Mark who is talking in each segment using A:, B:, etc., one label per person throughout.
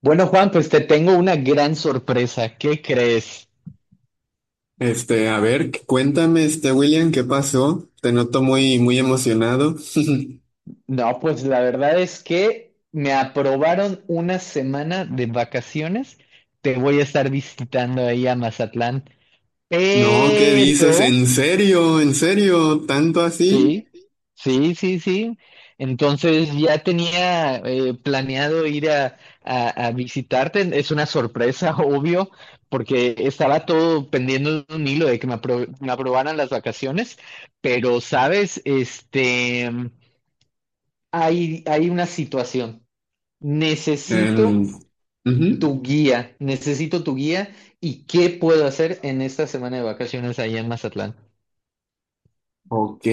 A: Bueno, Juan, pues te tengo una gran sorpresa. ¿Qué crees?
B: A ver, cuéntame, William, ¿qué pasó? Te noto muy, muy emocionado.
A: No, pues la verdad es que me aprobaron una semana de vacaciones. Te voy a estar visitando ahí a Mazatlán,
B: No, ¿qué dices?
A: pero
B: ¿En serio? ¿En serio? ¿Tanto así?
A: Sí, sí, sí, sí. Entonces ya tenía planeado ir a, a visitarte. Es una sorpresa, obvio, porque estaba todo pendiendo de un hilo de que me aprobaran las vacaciones. Pero, ¿sabes? Hay una situación.
B: Em,
A: Necesito
B: Ujú.
A: necesito tu guía y qué puedo hacer en esta semana de vacaciones allá en Mazatlán.
B: Ok,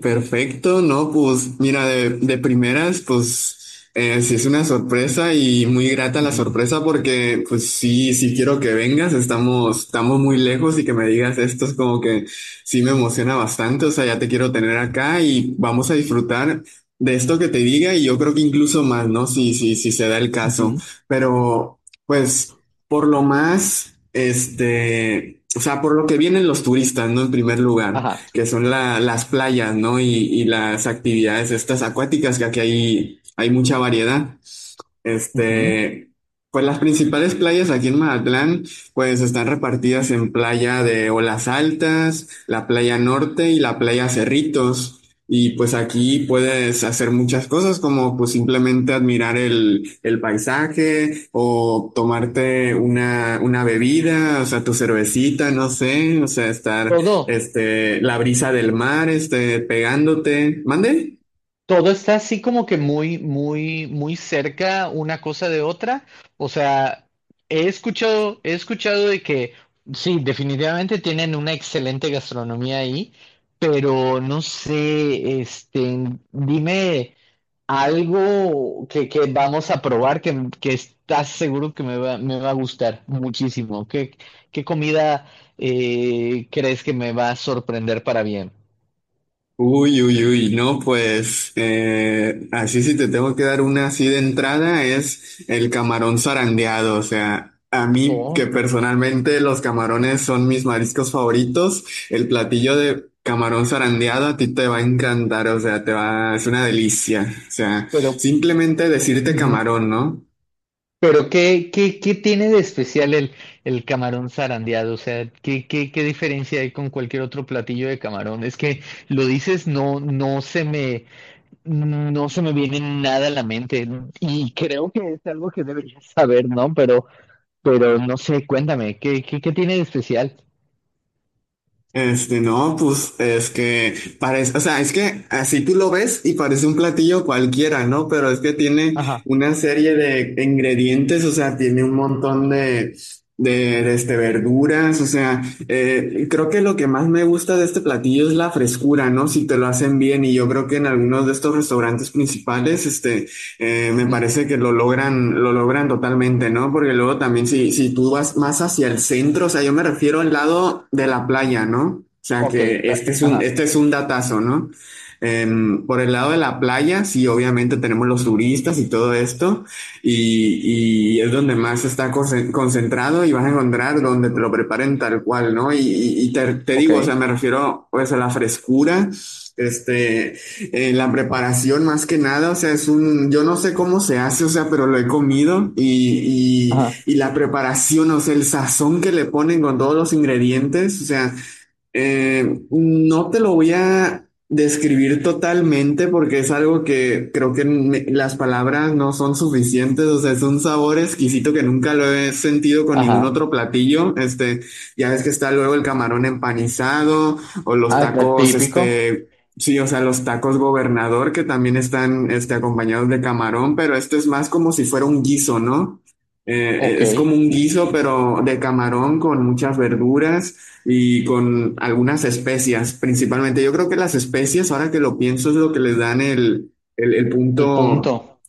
B: perfecto, no, pues mira, de primeras, pues sí es una sorpresa y muy grata la
A: Ujú,
B: sorpresa porque pues sí, sí quiero que vengas, estamos muy lejos y que me digas esto es como que sí me emociona bastante, o sea, ya te quiero tener acá y vamos a disfrutar de esto que te diga y yo creo que incluso más, ¿no? Sí, sí, sí se da el caso,
A: ujú.
B: pero pues por lo más, o sea, por lo que vienen los turistas, ¿no? En primer lugar
A: Ajá.
B: que son las playas, ¿no? Y las actividades estas acuáticas, que aquí hay mucha variedad.
A: Ujú.
B: Este, pues las principales playas aquí en Mazatlán, pues están repartidas en playa de Olas Altas, la playa Norte y la playa Cerritos. Y pues aquí puedes hacer muchas cosas como pues simplemente admirar el paisaje o tomarte una bebida, o sea, tu cervecita, no sé, o sea, estar,
A: Todo.
B: la brisa del mar, pegándote. ¿Mande?
A: Todo está así como que muy, muy, muy cerca una cosa de otra. O sea, he escuchado de que sí, definitivamente tienen una excelente gastronomía ahí, pero no sé, dime algo que vamos a probar que estás seguro que me va a gustar muchísimo. ¿Qué comida crees que me va a sorprender para bien?
B: Uy, uy, uy, no, pues así si te tengo que dar una así de entrada es el camarón zarandeado, o sea, a mí que
A: Oh,
B: personalmente los camarones son mis mariscos favoritos, el platillo de camarón zarandeado a ti te va a encantar, o sea, es una delicia, o sea,
A: pero
B: simplemente decirte
A: Ujú.
B: camarón, ¿no?
A: Pero ¿qué tiene de especial el camarón zarandeado? O sea, ¿qué diferencia hay con cualquier otro platillo de camarón? Es que lo dices, no se me viene nada a la mente. Y creo que es algo que deberías saber, ¿no? Pero, no sé, cuéntame, ¿qué tiene de especial?
B: No, pues es que parece, o sea, es que así tú lo ves y parece un platillo cualquiera, ¿no? Pero es que tiene
A: Ajá.
B: una serie de ingredientes, o sea, tiene un montón de, de verduras, o sea, creo que lo que más me gusta de este platillo es la frescura, ¿no? Si te lo hacen bien y yo creo que en algunos de estos restaurantes principales, me
A: Ujú.
B: parece que lo logran totalmente, ¿no? Porque luego también si tú vas más hacia el centro, o sea, yo me refiero al lado de la playa, ¿no? O sea,
A: Ok,
B: que este es un,
A: ajá.
B: este es un datazo, ¿no? Por el lado de la playa, sí, obviamente tenemos los turistas y todo esto, y es donde más está concentrado y vas a encontrar donde te lo preparen tal cual, ¿no? Y te
A: Ok.
B: digo, o sea, me refiero pues a la frescura, este, la preparación más que nada, o sea, yo no sé cómo se hace, o sea, pero lo he comido y, y,
A: Ajá.
B: y la preparación, o sea, el sazón que le ponen con todos los ingredientes, o sea, no te lo voy a describir totalmente porque es algo que creo que las palabras no son suficientes, o sea, es un sabor exquisito que nunca lo he sentido con ningún
A: Ajá.
B: otro platillo. Ya ves que está luego el camarón empanizado o los
A: Ah,
B: tacos,
A: típico.
B: sí, o sea, los tacos gobernador que también están, acompañados de camarón, pero este es más como si fuera un guiso, ¿no?
A: Ok.
B: Es como un guiso, pero de camarón con muchas verduras y con algunas especias, principalmente. Yo creo que las especias, ahora que lo pienso, es lo que les dan el
A: El
B: punto.
A: punto.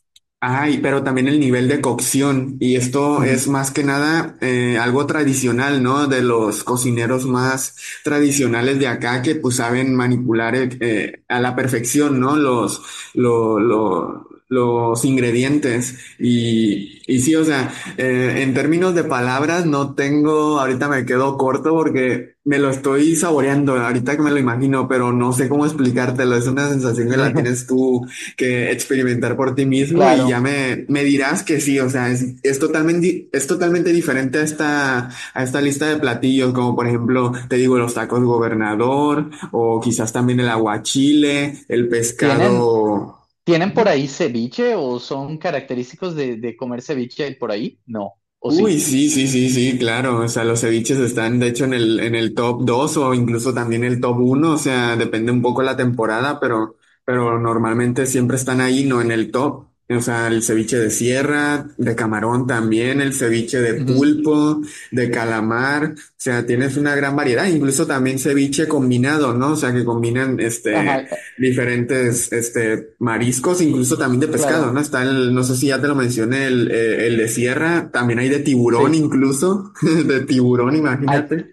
B: Ay, pero también el nivel de cocción. Y esto
A: Ujú.
B: es más que nada algo tradicional, ¿no? De los cocineros más tradicionales de acá que pues saben manipular a la perfección, ¿no? Los ingredientes. Y sí, o sea, en términos de palabras no tengo, ahorita me quedo corto porque me lo estoy saboreando, ahorita que me lo imagino, pero no sé cómo explicártelo. Es una sensación que la tienes tú que experimentar por ti mismo y
A: Claro.
B: ya me dirás que sí, o sea, es totalmente diferente a esta lista de platillos, como por ejemplo, te digo, los tacos gobernador o quizás también el aguachile, el
A: ¿Tienen,
B: pescado.
A: tienen por ahí ceviche o son característicos de comer ceviche por ahí? No, o
B: Uy,
A: sí.
B: sí, sí, sí, sí, claro. O sea, los ceviches están, de hecho, en el top 2 o incluso también el top uno. O sea, depende un poco la temporada, pero normalmente siempre están ahí, no en el top. O sea, el ceviche de sierra, de camarón también, el ceviche de
A: Ujú.
B: pulpo, de calamar. O sea, tienes una gran variedad. Incluso también ceviche combinado, ¿no? O sea, que combinan,
A: Ajá,
B: diferentes mariscos, incluso también de pescado, ¿no?
A: claro,
B: Está no sé si ya te lo mencioné, el de sierra, también hay de tiburón
A: sí.
B: incluso, de tiburón,
A: A-
B: imagínate.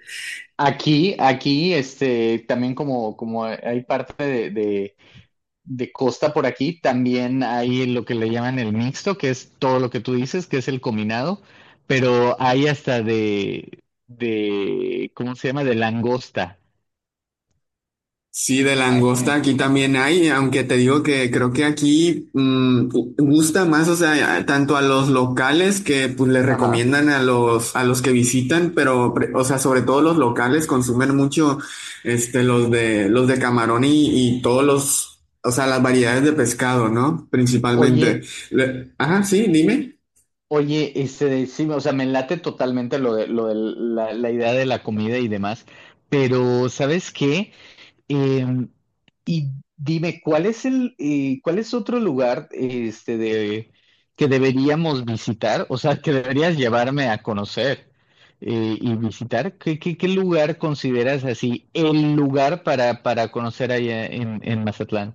A: Aquí, también como hay parte de costa por aquí, también hay lo que le llaman el mixto, que es todo lo que tú dices, que es el combinado, pero hay hasta de, ¿cómo se llama? De langosta.
B: Sí, de
A: Ah,
B: langosta
A: en-
B: aquí también hay, aunque te digo que creo que aquí gusta más, o sea, tanto a los locales que pues les
A: Ajá.
B: recomiendan a los que visitan, o sea, sobre todo los locales consumen mucho los de camarón y todos los, o sea, las variedades de pescado, ¿no? Principalmente.
A: Oye,
B: Ajá, sí, dime.
A: Oye, sí, o sea, me late totalmente lo de la idea de la comida y demás, pero ¿sabes qué? Eh, y dime, ¿cuál es cuál es otro lugar, que deberíamos visitar? O sea, que deberías llevarme a conocer y visitar. ¿Qué lugar consideras así el lugar para conocer allá en Mazatlán?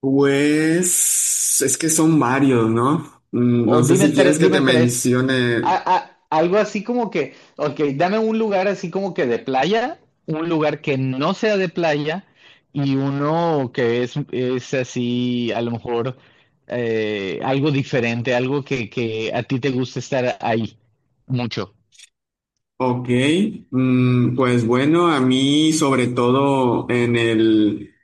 B: Pues es que son varios, ¿no? No
A: O
B: sé
A: dime
B: si quieres
A: tres,
B: que te
A: dime tres.
B: mencione.
A: Algo así como que, ok, dame un lugar así como que de playa, un lugar que no sea de playa y uno que es así, a lo mejor algo diferente, algo que a ti te gusta estar ahí mucho.
B: Ok, pues bueno, a mí sobre todo en el,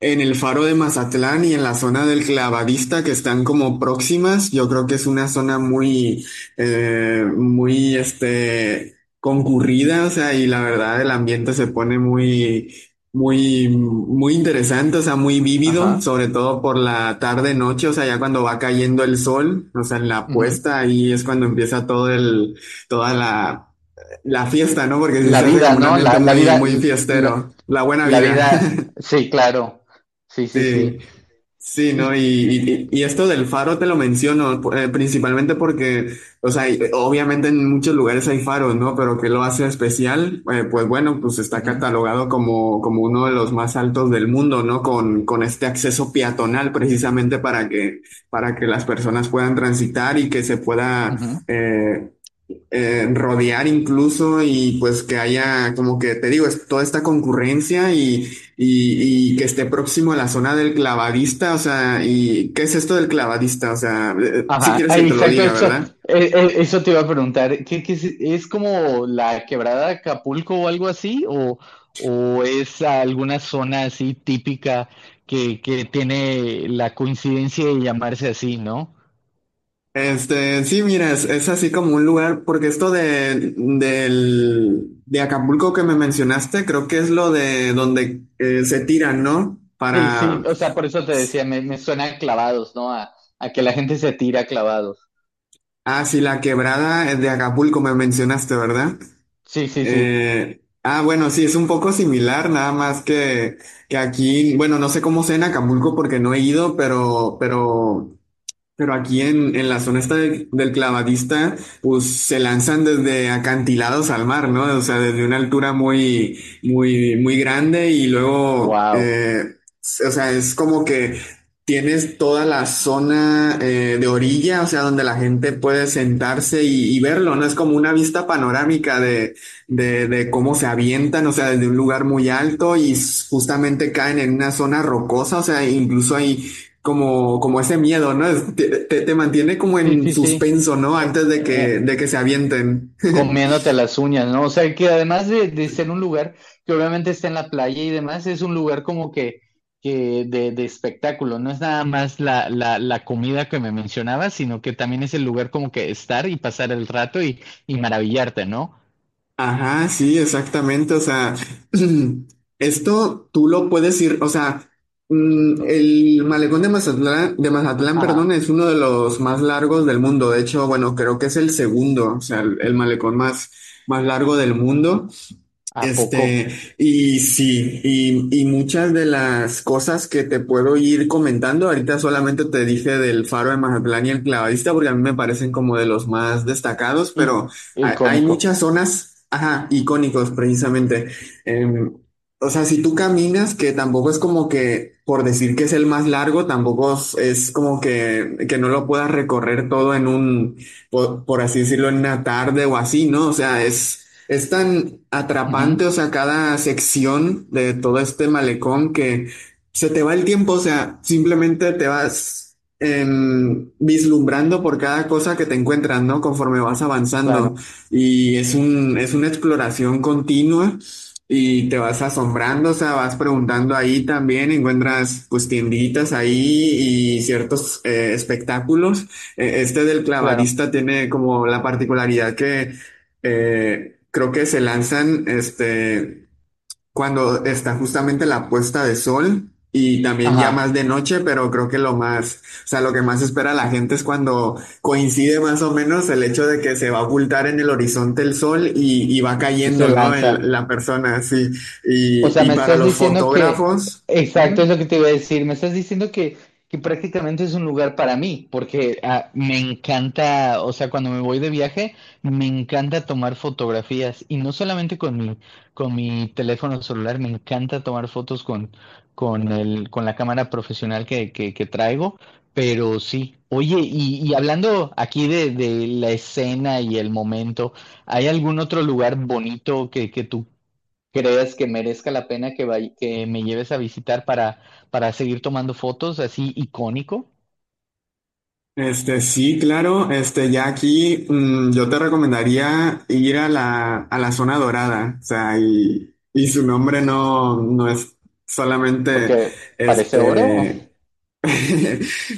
B: en el Faro de Mazatlán y en la zona del Clavadista que están como próximas, yo creo que es una zona muy, muy, concurrida, o sea, y la verdad el ambiente se pone muy, muy, muy interesante, o sea, muy vívido,
A: Ajá.
B: sobre todo por la tarde-noche, o sea, ya cuando va cayendo el sol, o sea, en la
A: Ujú.
B: puesta, ahí es cuando empieza toda la fiesta, ¿no? Porque sí
A: La
B: se hace
A: vida,
B: como un
A: ¿no?
B: ambiente
A: La
B: muy,
A: vida,
B: muy
A: la,
B: fiestero. La buena
A: la
B: vida.
A: vida, sí, claro. Sí, sí,
B: Sí,
A: sí.
B: sí, ¿no? Y,
A: Y,
B: y- y esto del faro te lo menciono, principalmente porque, o sea, obviamente en muchos lugares hay faros, ¿no? ¿Pero qué lo hace especial? Pues bueno, pues está
A: Ujú,
B: catalogado como uno de los más altos del mundo, ¿no? Con este acceso peatonal, precisamente para que las personas puedan transitar y que se pueda
A: ujú.
B: rodear incluso y pues que haya, como que te digo, es toda esta concurrencia y que esté próximo a la zona del clavadista, o sea, ¿y qué es esto del clavadista? O sea, si
A: Ajá,
B: quieres
A: ah,
B: que te lo
A: exacto,
B: diga,
A: eso,
B: ¿verdad?
A: eh, eh, eso te iba a preguntar. ¿Qué es como la quebrada de Acapulco o algo así? ¿O es alguna zona así típica que tiene la coincidencia de llamarse así, ¿no?
B: Sí, mira, es así como un lugar, porque esto de Acapulco que me mencionaste, creo que es lo de donde se tiran, ¿no?
A: Sí, sí, o sea, por eso te decía, me suena a clavados, ¿no? A que la gente se tira a clavados.
B: Ah, sí, la quebrada de Acapulco me mencionaste, ¿verdad?
A: Sí, sí, sí.
B: Ah, bueno, sí, es un poco similar, nada más que aquí, bueno, no sé cómo sea en Acapulco porque no he ido, pero aquí en la zona esta del clavadista, pues se lanzan desde acantilados al mar, ¿no? O sea, desde una altura muy, muy, muy grande y luego,
A: Wow.
B: o sea, es como que tienes toda la zona de orilla, o sea, donde la gente puede sentarse y verlo, ¿no? Es como una vista panorámica de cómo se avientan, o sea, desde un lugar muy alto y justamente caen en una zona rocosa, o sea, incluso hay como ese miedo, ¿no? Te mantiene como
A: Sí,
B: en
A: sí, sí.
B: suspenso, ¿no?
A: Eh,
B: Antes de
A: eh,
B: que, de que se avienten.
A: comiéndote las uñas, ¿no? O sea, que además de ser un lugar que obviamente está en la playa y demás, es un lugar como que de espectáculo, no es nada más la comida que me mencionabas, sino que también es el lugar como que estar y pasar el rato y maravillarte, ¿no?
B: Ajá, sí, exactamente. O sea, esto tú lo puedes ir, o sea, el malecón de Mazatlán, perdón,
A: Ajá,
B: es uno de los más largos del mundo. De hecho, bueno, creo que es el segundo, o sea, el malecón más, más largo del mundo.
A: ¿a
B: Este,
A: poco?
B: y sí, y muchas de las cosas que te puedo ir comentando, ahorita solamente te dije del Faro de Mazatlán y el Clavadista, porque a mí me parecen como de los más destacados,
A: Y,
B: pero hay
A: icónico.
B: muchas zonas, ajá, icónicos precisamente. Em, o sea, si tú caminas, que tampoco es como que, por decir que es el más largo, tampoco es como que no lo puedas recorrer todo en por así decirlo, en una tarde o así, ¿no? O sea, es. Es tan
A: Ujú,
B: atrapante, o sea, cada sección de todo este malecón que se te va el tiempo, o sea, simplemente te vas vislumbrando por cada cosa que te encuentras, ¿no? Conforme vas avanzando.
A: claro,
B: Y es una exploración continua y te vas asombrando, o sea, vas preguntando ahí también, encuentras pues tienditas ahí y ciertos espectáculos. Este del
A: claro.
B: clavadista tiene como la particularidad que creo que se lanzan cuando está justamente la puesta de sol y también ya
A: Ajá,
B: más de noche, pero creo que lo más, o sea, lo que más espera la
A: ah,
B: gente es cuando coincide más o menos el hecho de que se va a ocultar en el horizonte el sol y va
A: y se
B: cayendo, ¿no?
A: lanza.
B: La persona, sí.
A: O sea,
B: Y
A: me
B: para
A: estás
B: los
A: diciendo que,
B: fotógrafos.
A: exacto, es lo que te iba a decir, me estás diciendo que prácticamente es un lugar para mí, porque ah, me encanta, o sea, cuando me voy de viaje, me encanta tomar fotografías, y no solamente con mi teléfono celular, me encanta tomar fotos con la cámara profesional que traigo, pero sí. Oye, y hablando aquí de la escena y el momento, ¿hay algún otro lugar bonito que tú creas que merezca la pena que me lleves a visitar para seguir tomando fotos así icónico?
B: Sí, claro, ya aquí yo te recomendaría ir a la zona dorada, o sea, y su nombre no, no es solamente,
A: Porque parece oro.
B: este,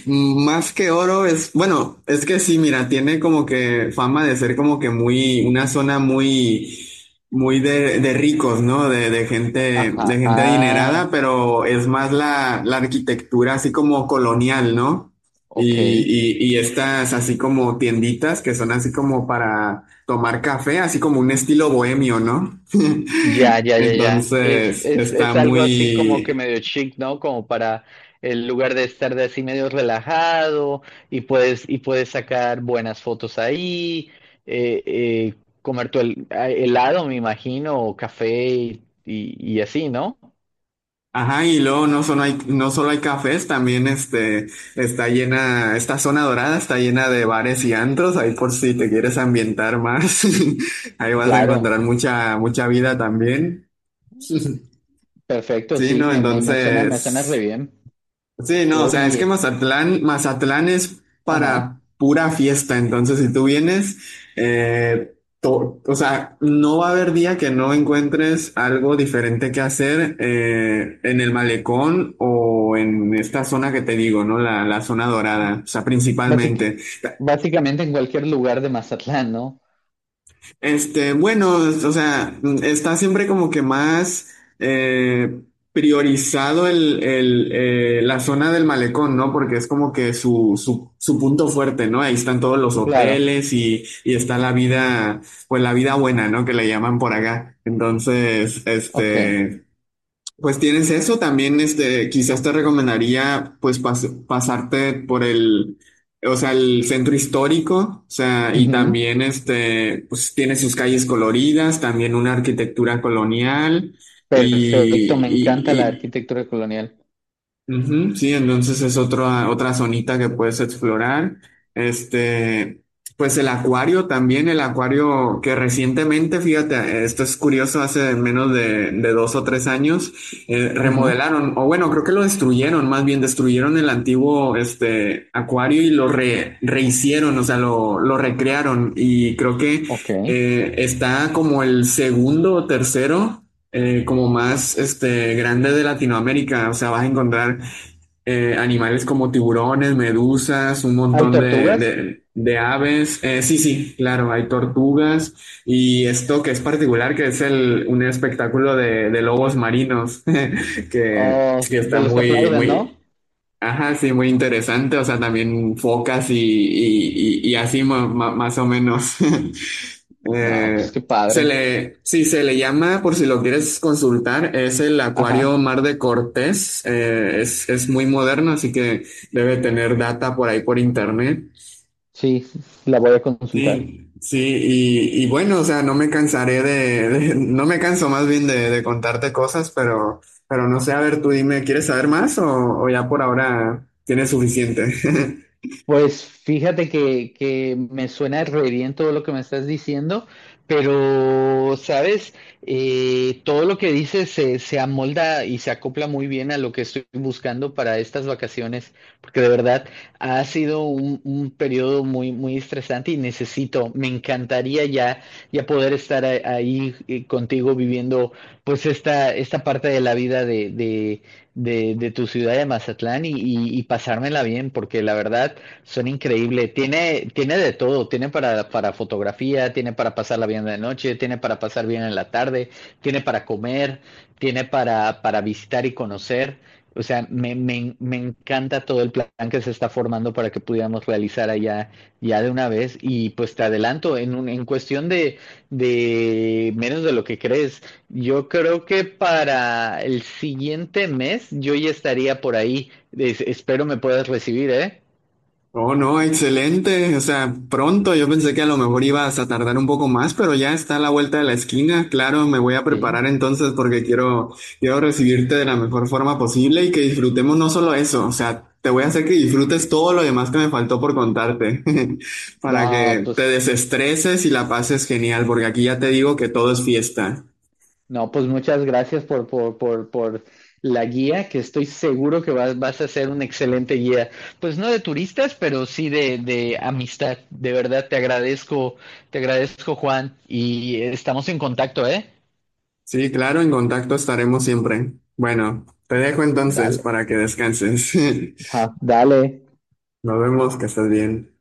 B: más que oro es, bueno, es que sí, mira, tiene como que fama de ser como que muy, una zona muy, muy de ricos, ¿no? De
A: Ajá.
B: gente adinerada,
A: Ah,
B: pero es más la, la arquitectura así como colonial, ¿no?
A: ok.
B: Y, y estas así como tienditas que son así como para tomar café, así como un estilo bohemio, ¿no?
A: Ya, ya, ya, ya. Es,
B: Entonces
A: es,
B: está
A: es algo así como que
B: muy,
A: medio chic, ¿no? Como para el lugar de estar de así medio relajado y puedes sacar buenas fotos ahí, eh, eh, comer tu helado, me imagino, o café y así, ¿no?
B: ajá, y luego no solo hay, no solo hay cafés, también está llena, esta zona dorada está llena de bares y antros, ahí por si te quieres ambientar más, ahí vas a
A: Claro.
B: encontrar mucha, mucha vida también.
A: Perfecto,
B: Sí,
A: sí,
B: ¿no?
A: me suena re
B: Entonces...
A: bien.
B: Sí, no, o sea, es que
A: Oye,
B: Mazatlán, Mazatlán es
A: ajá.
B: para pura fiesta, entonces si tú vienes, o sea, no va a haber día que no encuentres algo diferente que hacer en el malecón o en esta zona que te digo, ¿no? La zona dorada, o sea,
A: Básic-
B: principalmente.
A: básicamente en cualquier lugar de Mazatlán, ¿no?
B: Bueno, o sea, está siempre como que más eh, priorizado la zona del malecón, ¿no? Porque es como que su punto fuerte, ¿no? Ahí están todos los
A: Claro,
B: hoteles y está la vida, pues la vida buena, ¿no? Que le llaman por acá. Entonces,
A: ok.
B: pues tienes eso, también quizás te recomendaría pues pasarte por el, o sea, el centro histórico, o sea, y
A: Ujú.
B: también pues tiene sus calles coloridas, también una arquitectura colonial
A: Perfecto, me encanta la
B: y,
A: arquitectura colonial.
B: ujú, sí, entonces es otra, otra zonita que puedes explorar. Este, pues el acuario también, el acuario que recientemente, fíjate, esto es curioso, hace menos de dos o tres años,
A: Ujú.
B: remodelaron, o bueno, creo que lo destruyeron, más bien destruyeron el antiguo, acuario y lo rehicieron, o sea, lo recrearon y creo que
A: Ok.
B: está como el segundo o tercero como más grande de Latinoamérica. O sea, vas a encontrar animales como tiburones, medusas, un
A: ¿Hay
B: montón
A: tortugas?
B: de aves. Sí, sí, claro, hay tortugas y esto que es particular, que es el, un espectáculo de lobos marinos,
A: Oh,
B: que está
A: de los que
B: muy,
A: aplauden,
B: muy,
A: ¿no?
B: ajá, sí, muy interesante. O sea, también focas y, y así más o menos.
A: No, pues
B: Eh,
A: qué
B: Se
A: padre.
B: le, sí, se le llama, por si lo quieres consultar, es el Acuario
A: Ajá,
B: Mar de Cortés. Es muy moderno, así que debe tener data por ahí por internet.
A: sí, la voy a consultar.
B: Sí, sí, y bueno, o sea, no me cansaré de, no me canso más bien de contarte cosas, pero no sé, a ver, tú dime, ¿quieres saber más o ya por ahora tienes suficiente?
A: Pues fíjate que me suena re bien todo lo que me estás diciendo, pero, ¿sabes? Todo lo que dices se amolda y se acopla muy bien a lo que estoy buscando para estas vacaciones, porque de verdad ha sido un periodo muy, muy estresante y me encantaría ya poder estar ahí contigo viviendo pues esta parte de la vida de tu ciudad de Mazatlán y pasármela bien, porque la verdad... Son increíbles. Tiene de todo. Tiene para fotografía, tiene para pasarla bien de noche, tiene para pasar bien en la tarde, tiene para comer, tiene para visitar y conocer. O sea, me encanta todo el plan que se está formando para que pudiéramos realizar allá ya de una vez. Y pues te adelanto, en cuestión de menos de lo que crees, yo creo que para el siguiente mes yo ya estaría por ahí. Espero me puedas recibir, ¿eh?
B: Oh, no, excelente. O sea, pronto. Yo pensé que a lo mejor ibas a tardar un poco más, pero ya está a la vuelta de la esquina. Claro, me voy a
A: Sí.
B: preparar entonces porque quiero, quiero recibirte de la mejor forma posible y que disfrutemos no solo eso. O sea, te voy a hacer que disfrutes todo lo demás que me faltó por contarte para
A: No,
B: que te
A: pues,
B: desestreses y la pases genial, porque aquí ya te digo que todo es fiesta.
A: no, pues muchas gracias por la guía, que estoy seguro que vas a ser un excelente guía. Pues no de turistas, pero sí de amistad. De verdad, te agradezco, Juan, y estamos en contacto, ¿eh?
B: Sí, claro, en contacto estaremos siempre. Bueno, te dejo entonces
A: Dale.
B: para que descanses.
A: Ajá, dale.
B: Nos vemos, que estés bien.